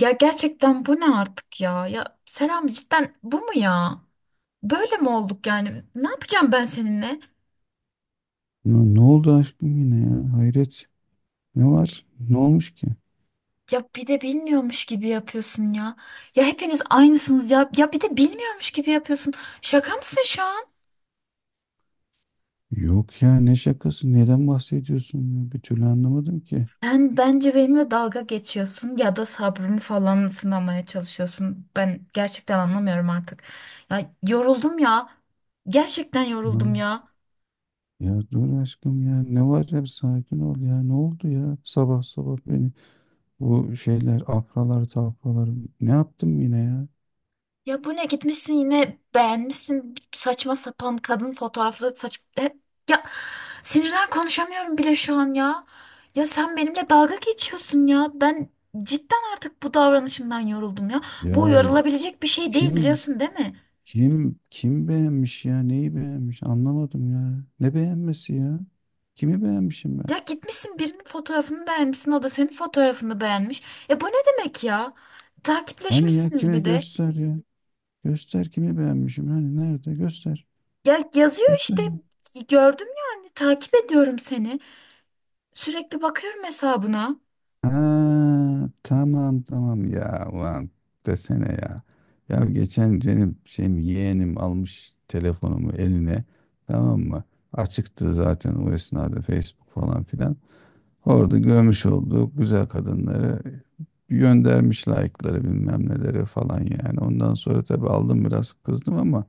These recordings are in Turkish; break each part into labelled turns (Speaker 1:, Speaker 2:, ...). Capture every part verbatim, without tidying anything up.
Speaker 1: Ya gerçekten bu ne artık ya? Ya selam cidden bu mu ya? Böyle mi olduk yani? Ne yapacağım ben seninle?
Speaker 2: Ne, ne oldu aşkım yine ya? Hayret. Ne var? Ne olmuş ki?
Speaker 1: Ya bir de bilmiyormuş gibi yapıyorsun ya. Ya hepiniz aynısınız ya. Ya bir de bilmiyormuş gibi yapıyorsun. Şaka mısın şu an?
Speaker 2: Yok ya ne şakası? Neden bahsediyorsun ya? Bir türlü anlamadım ki.
Speaker 1: Sen bence benimle dalga geçiyorsun ya da sabrımı falan sınamaya çalışıyorsun. Ben gerçekten anlamıyorum artık. Ya yoruldum ya. Gerçekten
Speaker 2: Ha,
Speaker 1: yoruldum ya.
Speaker 2: ya dur aşkım ya. Ne var ya? Bir sakin ol ya. Ne oldu ya? Sabah sabah beni bu şeyler afralar tafralar. Ne yaptım yine ya?
Speaker 1: Ya bu ne gitmişsin yine beğenmişsin saçma sapan kadın fotoğrafları saç E, ya sinirden konuşamıyorum bile şu an ya. Ya sen benimle dalga geçiyorsun ya. Ben cidden artık bu davranışından yoruldum ya. Bu
Speaker 2: Ya
Speaker 1: yorulabilecek bir şey değil
Speaker 2: kim
Speaker 1: biliyorsun değil mi?
Speaker 2: kim kim beğenmiş ya? Neyi beğenmiş? Anlamadım ya. Ne beğenmesi ya? Kimi beğenmişim ben?
Speaker 1: Ya gitmişsin birinin fotoğrafını beğenmişsin o da senin fotoğrafını beğenmiş. E bu ne demek ya?
Speaker 2: Hani ya
Speaker 1: Takipleşmişsiniz
Speaker 2: kime
Speaker 1: bir de.
Speaker 2: göster ya? Göster kimi beğenmişim. Hani nerede? Göster.
Speaker 1: Ya yazıyor işte
Speaker 2: Göster.
Speaker 1: gördüm yani takip ediyorum seni. Sürekli bakıyorum hesabına.
Speaker 2: Ha, tamam tamam ya. Ulan desene ya. Ya geçen benim şeyim yeğenim almış telefonumu eline. Tamam mı? Açıktı zaten o esnada Facebook falan filan. Orada görmüş olduğu güzel kadınları göndermiş like'ları bilmem neleri falan yani. Ondan sonra tabii aldım biraz kızdım ama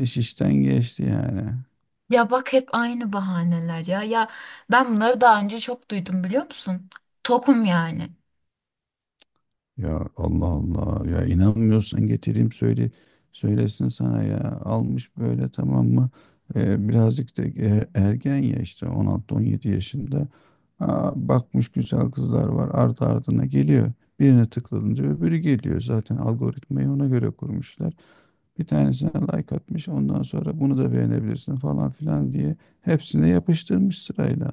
Speaker 2: iş işten geçti yani.
Speaker 1: Ya bak hep aynı bahaneler ya. Ya ben bunları daha önce çok duydum biliyor musun? Tokum yani.
Speaker 2: Ya Allah Allah ya inanmıyorsan getireyim söyle söylesin sana ya almış böyle tamam mı. Ee, birazcık da e- ergen ya işte on altı on yedi yaşında. Aa, bakmış güzel kızlar var ardı ardına geliyor, birine tıklanınca öbürü geliyor, zaten algoritmayı ona göre kurmuşlar. Bir tanesine like atmış, ondan sonra bunu da beğenebilirsin falan filan diye hepsine yapıştırmış sırayla.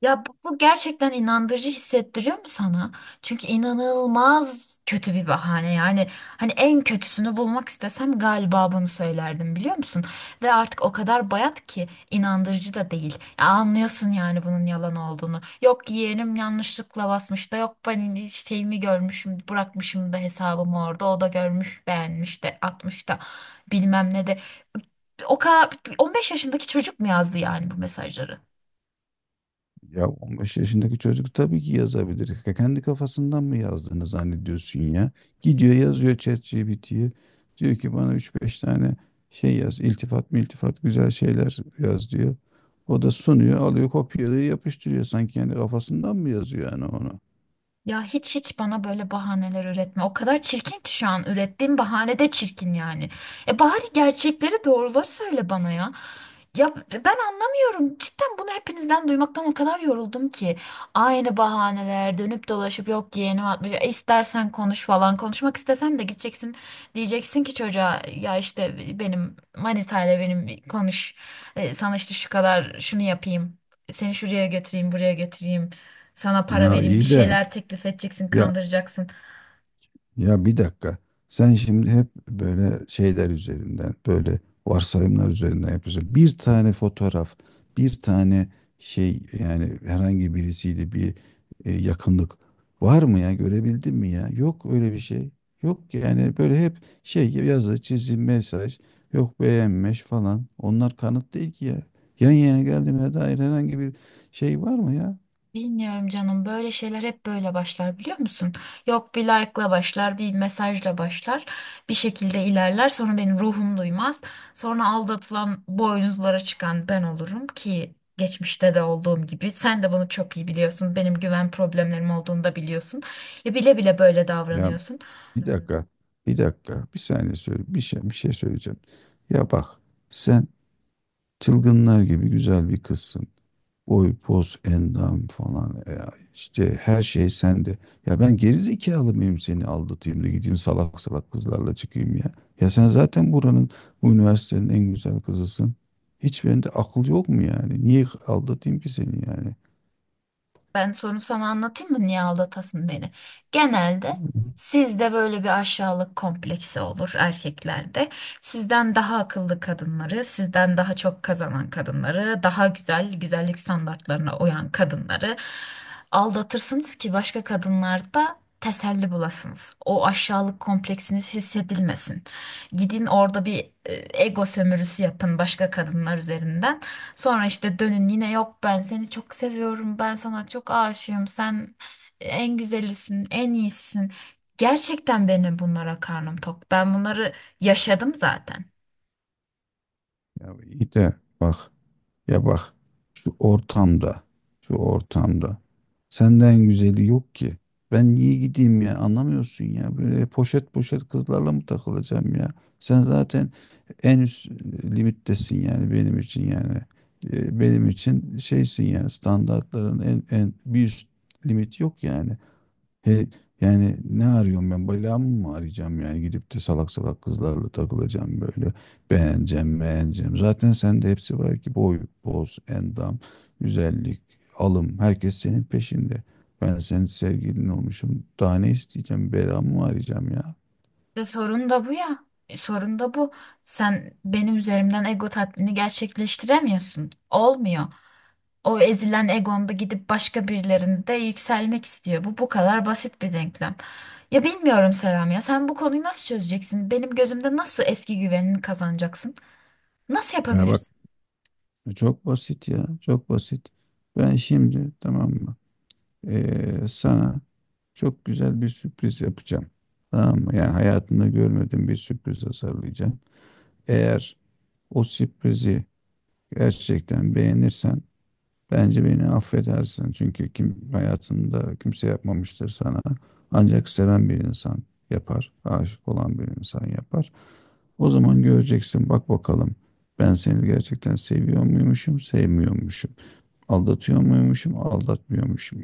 Speaker 1: Ya bu, bu gerçekten inandırıcı hissettiriyor mu sana? Çünkü inanılmaz kötü bir bahane yani, hani en kötüsünü bulmak istesem galiba bunu söylerdim biliyor musun? Ve artık o kadar bayat ki inandırıcı da değil. Ya anlıyorsun yani bunun yalan olduğunu. Yok yeğenim yanlışlıkla basmış da, yok ben şeyimi görmüşüm bırakmışım da hesabımı orada o da görmüş beğenmiş de atmış da bilmem ne de. O kadar on beş yaşındaki çocuk mu yazdı yani bu mesajları?
Speaker 2: Ya on beş yaşındaki çocuk tabii ki yazabilir. Ka- Kendi kafasından mı yazdığını zannediyorsun ya? Gidiyor yazıyor ChatGPT'ye. Diyor ki bana üç beş tane şey yaz. İltifat mı iltifat, güzel şeyler yaz diyor. O da sunuyor, alıyor, kopyalıyor, yapıştırıyor. Sanki kendi kafasından mı yazıyor yani onu?
Speaker 1: Ya hiç hiç bana böyle bahaneler üretme. O kadar çirkin ki şu an ürettiğim bahane de çirkin yani. E bari gerçekleri doğruları söyle bana ya. Ya ben anlamıyorum. Cidden bunu hepinizden duymaktan o kadar yoruldum ki. Aynı bahaneler dönüp dolaşıp yok yeğenim atmış. E istersen konuş falan. Konuşmak istesen de gideceksin. Diyeceksin ki çocuğa ya işte benim manitayla benim konuş. E, sana işte şu kadar şunu yapayım. Seni şuraya götüreyim, buraya götüreyim. Sana para
Speaker 2: Ya
Speaker 1: vereyim, bir
Speaker 2: iyi de
Speaker 1: şeyler teklif edeceksin,
Speaker 2: ya.
Speaker 1: kandıracaksın.
Speaker 2: Ya bir dakika. Sen şimdi hep böyle şeyler üzerinden, böyle varsayımlar üzerinden yapıyorsun. Bir tane fotoğraf, bir tane şey, yani herhangi birisiyle bir e, yakınlık var mı ya? Görebildin mi ya? Yok öyle bir şey. Yok yani, böyle hep şey gibi yazı, çizim, mesaj, yok beğenmiş falan. Onlar kanıt değil ki ya. Yan yana geldiğime dair herhangi bir şey var mı ya?
Speaker 1: Bilmiyorum canım, böyle şeyler hep böyle başlar biliyor musun? Yok, bir like'la başlar, bir mesajla başlar. Bir şekilde ilerler, sonra benim ruhum duymaz. Sonra aldatılan, boynuzlara çıkan ben olurum ki geçmişte de olduğum gibi. Sen de bunu çok iyi biliyorsun. Benim güven problemlerim olduğunu da biliyorsun. E bile bile böyle
Speaker 2: Ya
Speaker 1: davranıyorsun.
Speaker 2: bir dakika. Bir dakika. Bir saniye söyle. Bir şey, bir şey söyleyeceğim. Ya bak. Sen çılgınlar gibi güzel bir kızsın. Boy, poz, endam falan. Ya işte her şey sende. Ya ben gerizekalı mıyım seni aldatayım da gideyim salak salak kızlarla çıkayım ya? Ya sen zaten buranın, bu üniversitenin en güzel kızısın. Hiç bende akıl yok mu yani? Niye aldatayım ki seni yani?
Speaker 1: Ben sorunu sana anlatayım mı? Niye aldatasın beni? Genelde sizde böyle bir aşağılık kompleksi olur erkeklerde. Sizden daha akıllı kadınları, sizden daha çok kazanan kadınları, daha güzel güzellik standartlarına uyan kadınları aldatırsınız ki başka kadınlarda teselli bulasınız. O aşağılık kompleksiniz hissedilmesin. Gidin orada bir e, ego sömürüsü yapın başka kadınlar üzerinden. Sonra işte dönün yine, yok ben seni çok seviyorum, ben sana çok aşığım, sen en güzelisin en iyisisin. Gerçekten benim bunlara karnım tok. Ben bunları yaşadım zaten.
Speaker 2: Ya iyi de bak. Ya bak, şu ortamda, şu ortamda senden güzeli yok ki. Ben niye gideyim ya, anlamıyorsun ya. Böyle poşet poşet kızlarla mı takılacağım ya? Sen zaten en üst e, limittesin yani, benim için yani. E, Benim için şeysin yani, standartların en, en bir üst limit yok yani. He, yani ne arıyorum ben? Belamı mı arayacağım yani? Gidip de salak salak kızlarla takılacağım böyle. Beğeneceğim, beğeneceğim. Zaten sende hepsi var ki; boy, boz, endam, güzellik, alım. Herkes senin peşinde. Ben senin sevgilin olmuşum. Daha ne isteyeceğim? Belamı mı arayacağım ya?
Speaker 1: Ve sorun da bu ya. E, sorun da bu. Sen benim üzerimden ego tatmini gerçekleştiremiyorsun. Olmuyor. O ezilen egonda gidip başka birilerinde yükselmek istiyor. Bu bu kadar basit bir denklem. Ya bilmiyorum Selam, ya sen bu konuyu nasıl çözeceksin? Benim gözümde nasıl eski güvenini kazanacaksın? Nasıl
Speaker 2: Ya bak,
Speaker 1: yapabilirsin?
Speaker 2: çok basit ya, çok basit. Ben şimdi, tamam mı, eee, sana çok güzel bir sürpriz yapacağım. Tamam mı? Yani hayatımda görmediğim bir sürpriz hazırlayacağım. Eğer o sürprizi gerçekten beğenirsen bence beni affedersin. Çünkü kim hayatında kimse yapmamıştır sana. Ancak seven bir insan yapar. Aşık olan bir insan yapar. O zaman göreceksin bak bakalım. Ben seni gerçekten seviyor muymuşum, sevmiyormuşum. Aldatıyor muymuşum, aldatmıyormuşum.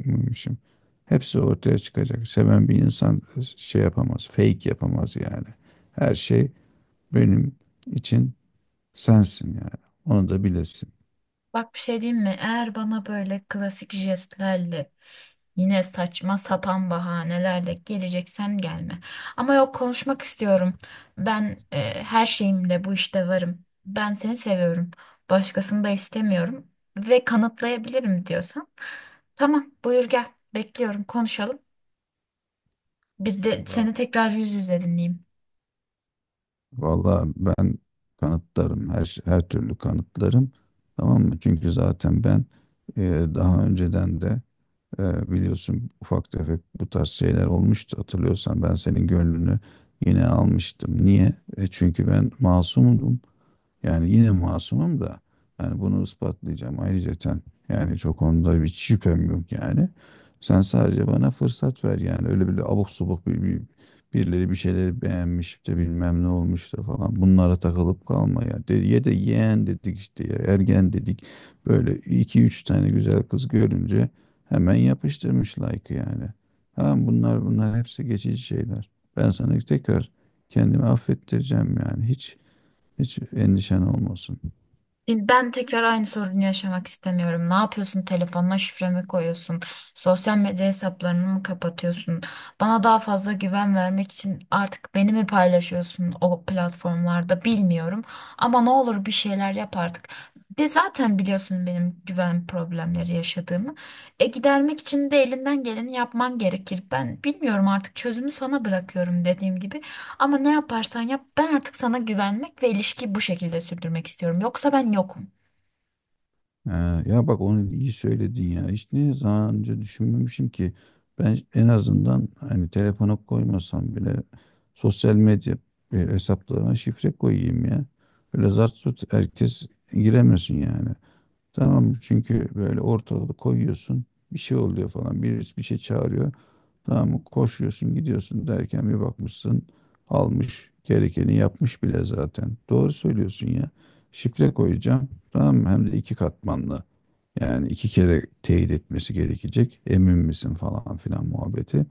Speaker 2: Hepsi ortaya çıkacak. Seven bir insan şey yapamaz, fake yapamaz yani. Her şey benim için sensin yani. Onu da bilesin.
Speaker 1: Bak bir şey diyeyim mi? Eğer bana böyle klasik jestlerle yine saçma sapan bahanelerle geleceksen gelme. Ama yok, konuşmak istiyorum. Ben e, her şeyimle bu işte varım. Ben seni seviyorum. Başkasını da istemiyorum ve kanıtlayabilirim diyorsan. Tamam, buyur gel. Bekliyorum, konuşalım. Biz de
Speaker 2: Valla
Speaker 1: seni tekrar yüz yüze dinleyeyim.
Speaker 2: valla ben kanıtlarım, her her türlü kanıtlarım, tamam mı? Çünkü zaten ben, e, daha önceden de e, biliyorsun, ufak tefek bu tarz şeyler olmuştu, hatırlıyorsan ben senin gönlünü yine almıştım. Niye? E, çünkü ben masumum. Yani yine masumum da, yani bunu ispatlayacağım ayrıyeten. Yani çok onda bir şüphem yok yani. Sen sadece bana fırsat ver yani. Öyle böyle abuk subuk bir, bir- birileri bir şeyleri beğenmiş de, bilmem ne olmuş da falan. Bunlara takılıp kalma ya. De, ye de yeğen dedik işte ya, ergen dedik. Böyle iki üç tane güzel kız görünce hemen yapıştırmış like'ı yani. Tamam, bunlar bunlar hepsi geçici şeyler. Ben sana tekrar kendimi affettireceğim yani. Hiç hiç endişen olmasın.
Speaker 1: E, ben tekrar aynı sorunu yaşamak istemiyorum. Ne yapıyorsun? Telefonuna şifre mi koyuyorsun? Sosyal medya hesaplarını mı kapatıyorsun? Bana daha fazla güven vermek için artık beni mi paylaşıyorsun o platformlarda, bilmiyorum. Ama ne olur bir şeyler yap artık. De zaten biliyorsun benim güven problemleri yaşadığımı. E gidermek için de elinden geleni yapman gerekir. Ben bilmiyorum artık, çözümü sana bırakıyorum dediğim gibi. Ama ne yaparsan yap, ben artık sana güvenmek ve ilişkiyi bu şekilde sürdürmek istiyorum. Yoksa ben yokum.
Speaker 2: Ee, Ya bak, onu iyi söyledin ya. Hiç ne zaman önce düşünmemişim ki. Ben en azından hani telefona koymasam bile sosyal medya e, hesaplarına şifre koyayım ya. Böyle zart tut herkes giremesin yani. Tamam mı? Çünkü böyle ortalığı koyuyorsun. Bir şey oluyor falan. Birisi bir şey çağırıyor. Tamam mı? Koşuyorsun gidiyorsun, derken bir bakmışsın almış gerekeni yapmış bile zaten. Doğru söylüyorsun ya. Şifre koyacağım. Tamam mı? Hem de iki katmanlı. Yani iki kere teyit etmesi gerekecek. Emin misin falan filan muhabbeti.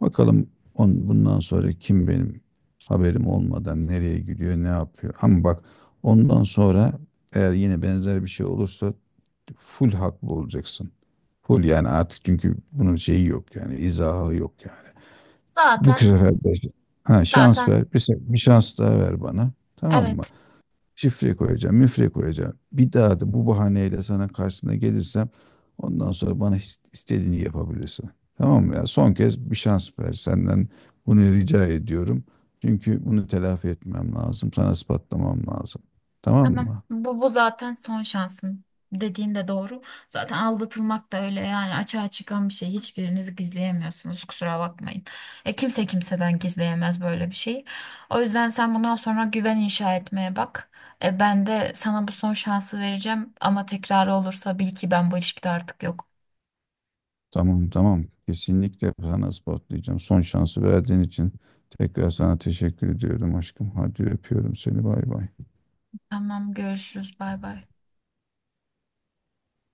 Speaker 2: Bakalım, on, bundan sonra kim benim haberim olmadan nereye gidiyor, ne yapıyor. Ama bak, ondan sonra eğer yine benzer bir şey olursa full haklı olacaksın. Full yani artık, çünkü bunun şeyi yok yani, izahı yok yani. Bu
Speaker 1: Zaten
Speaker 2: sefer de, ha, şans
Speaker 1: zaten
Speaker 2: ver. Bir, se- bir şans daha ver bana. Tamam mı?
Speaker 1: evet,
Speaker 2: Şifre koyacağım, müfre koyacağım. Bir daha da bu bahaneyle sana karşısına gelirsem ondan sonra bana is- istediğini yapabilirsin. Tamam mı ya? Son kez bir şans ver. Senden bunu rica ediyorum. Çünkü bunu telafi etmem lazım. Sana ispatlamam lazım. Tamam
Speaker 1: tamam,
Speaker 2: mı?
Speaker 1: bu, bu zaten son şansın dediğin de doğru. Zaten aldatılmak da öyle yani, açığa çıkan bir şey. Hiçbiriniz gizleyemiyorsunuz kusura bakmayın. E, kimse kimseden gizleyemez böyle bir şeyi. O yüzden sen bundan sonra güven inşa etmeye bak. E, ben de sana bu son şansı vereceğim ama tekrar olursa bil ki ben bu ilişkide artık yok.
Speaker 2: Tamam tamam. Kesinlikle sana ispatlayacağım. Son şansı verdiğin için tekrar sana teşekkür ediyorum aşkım. Hadi öpüyorum seni. Bay bay.
Speaker 1: Tamam görüşürüz bay bay.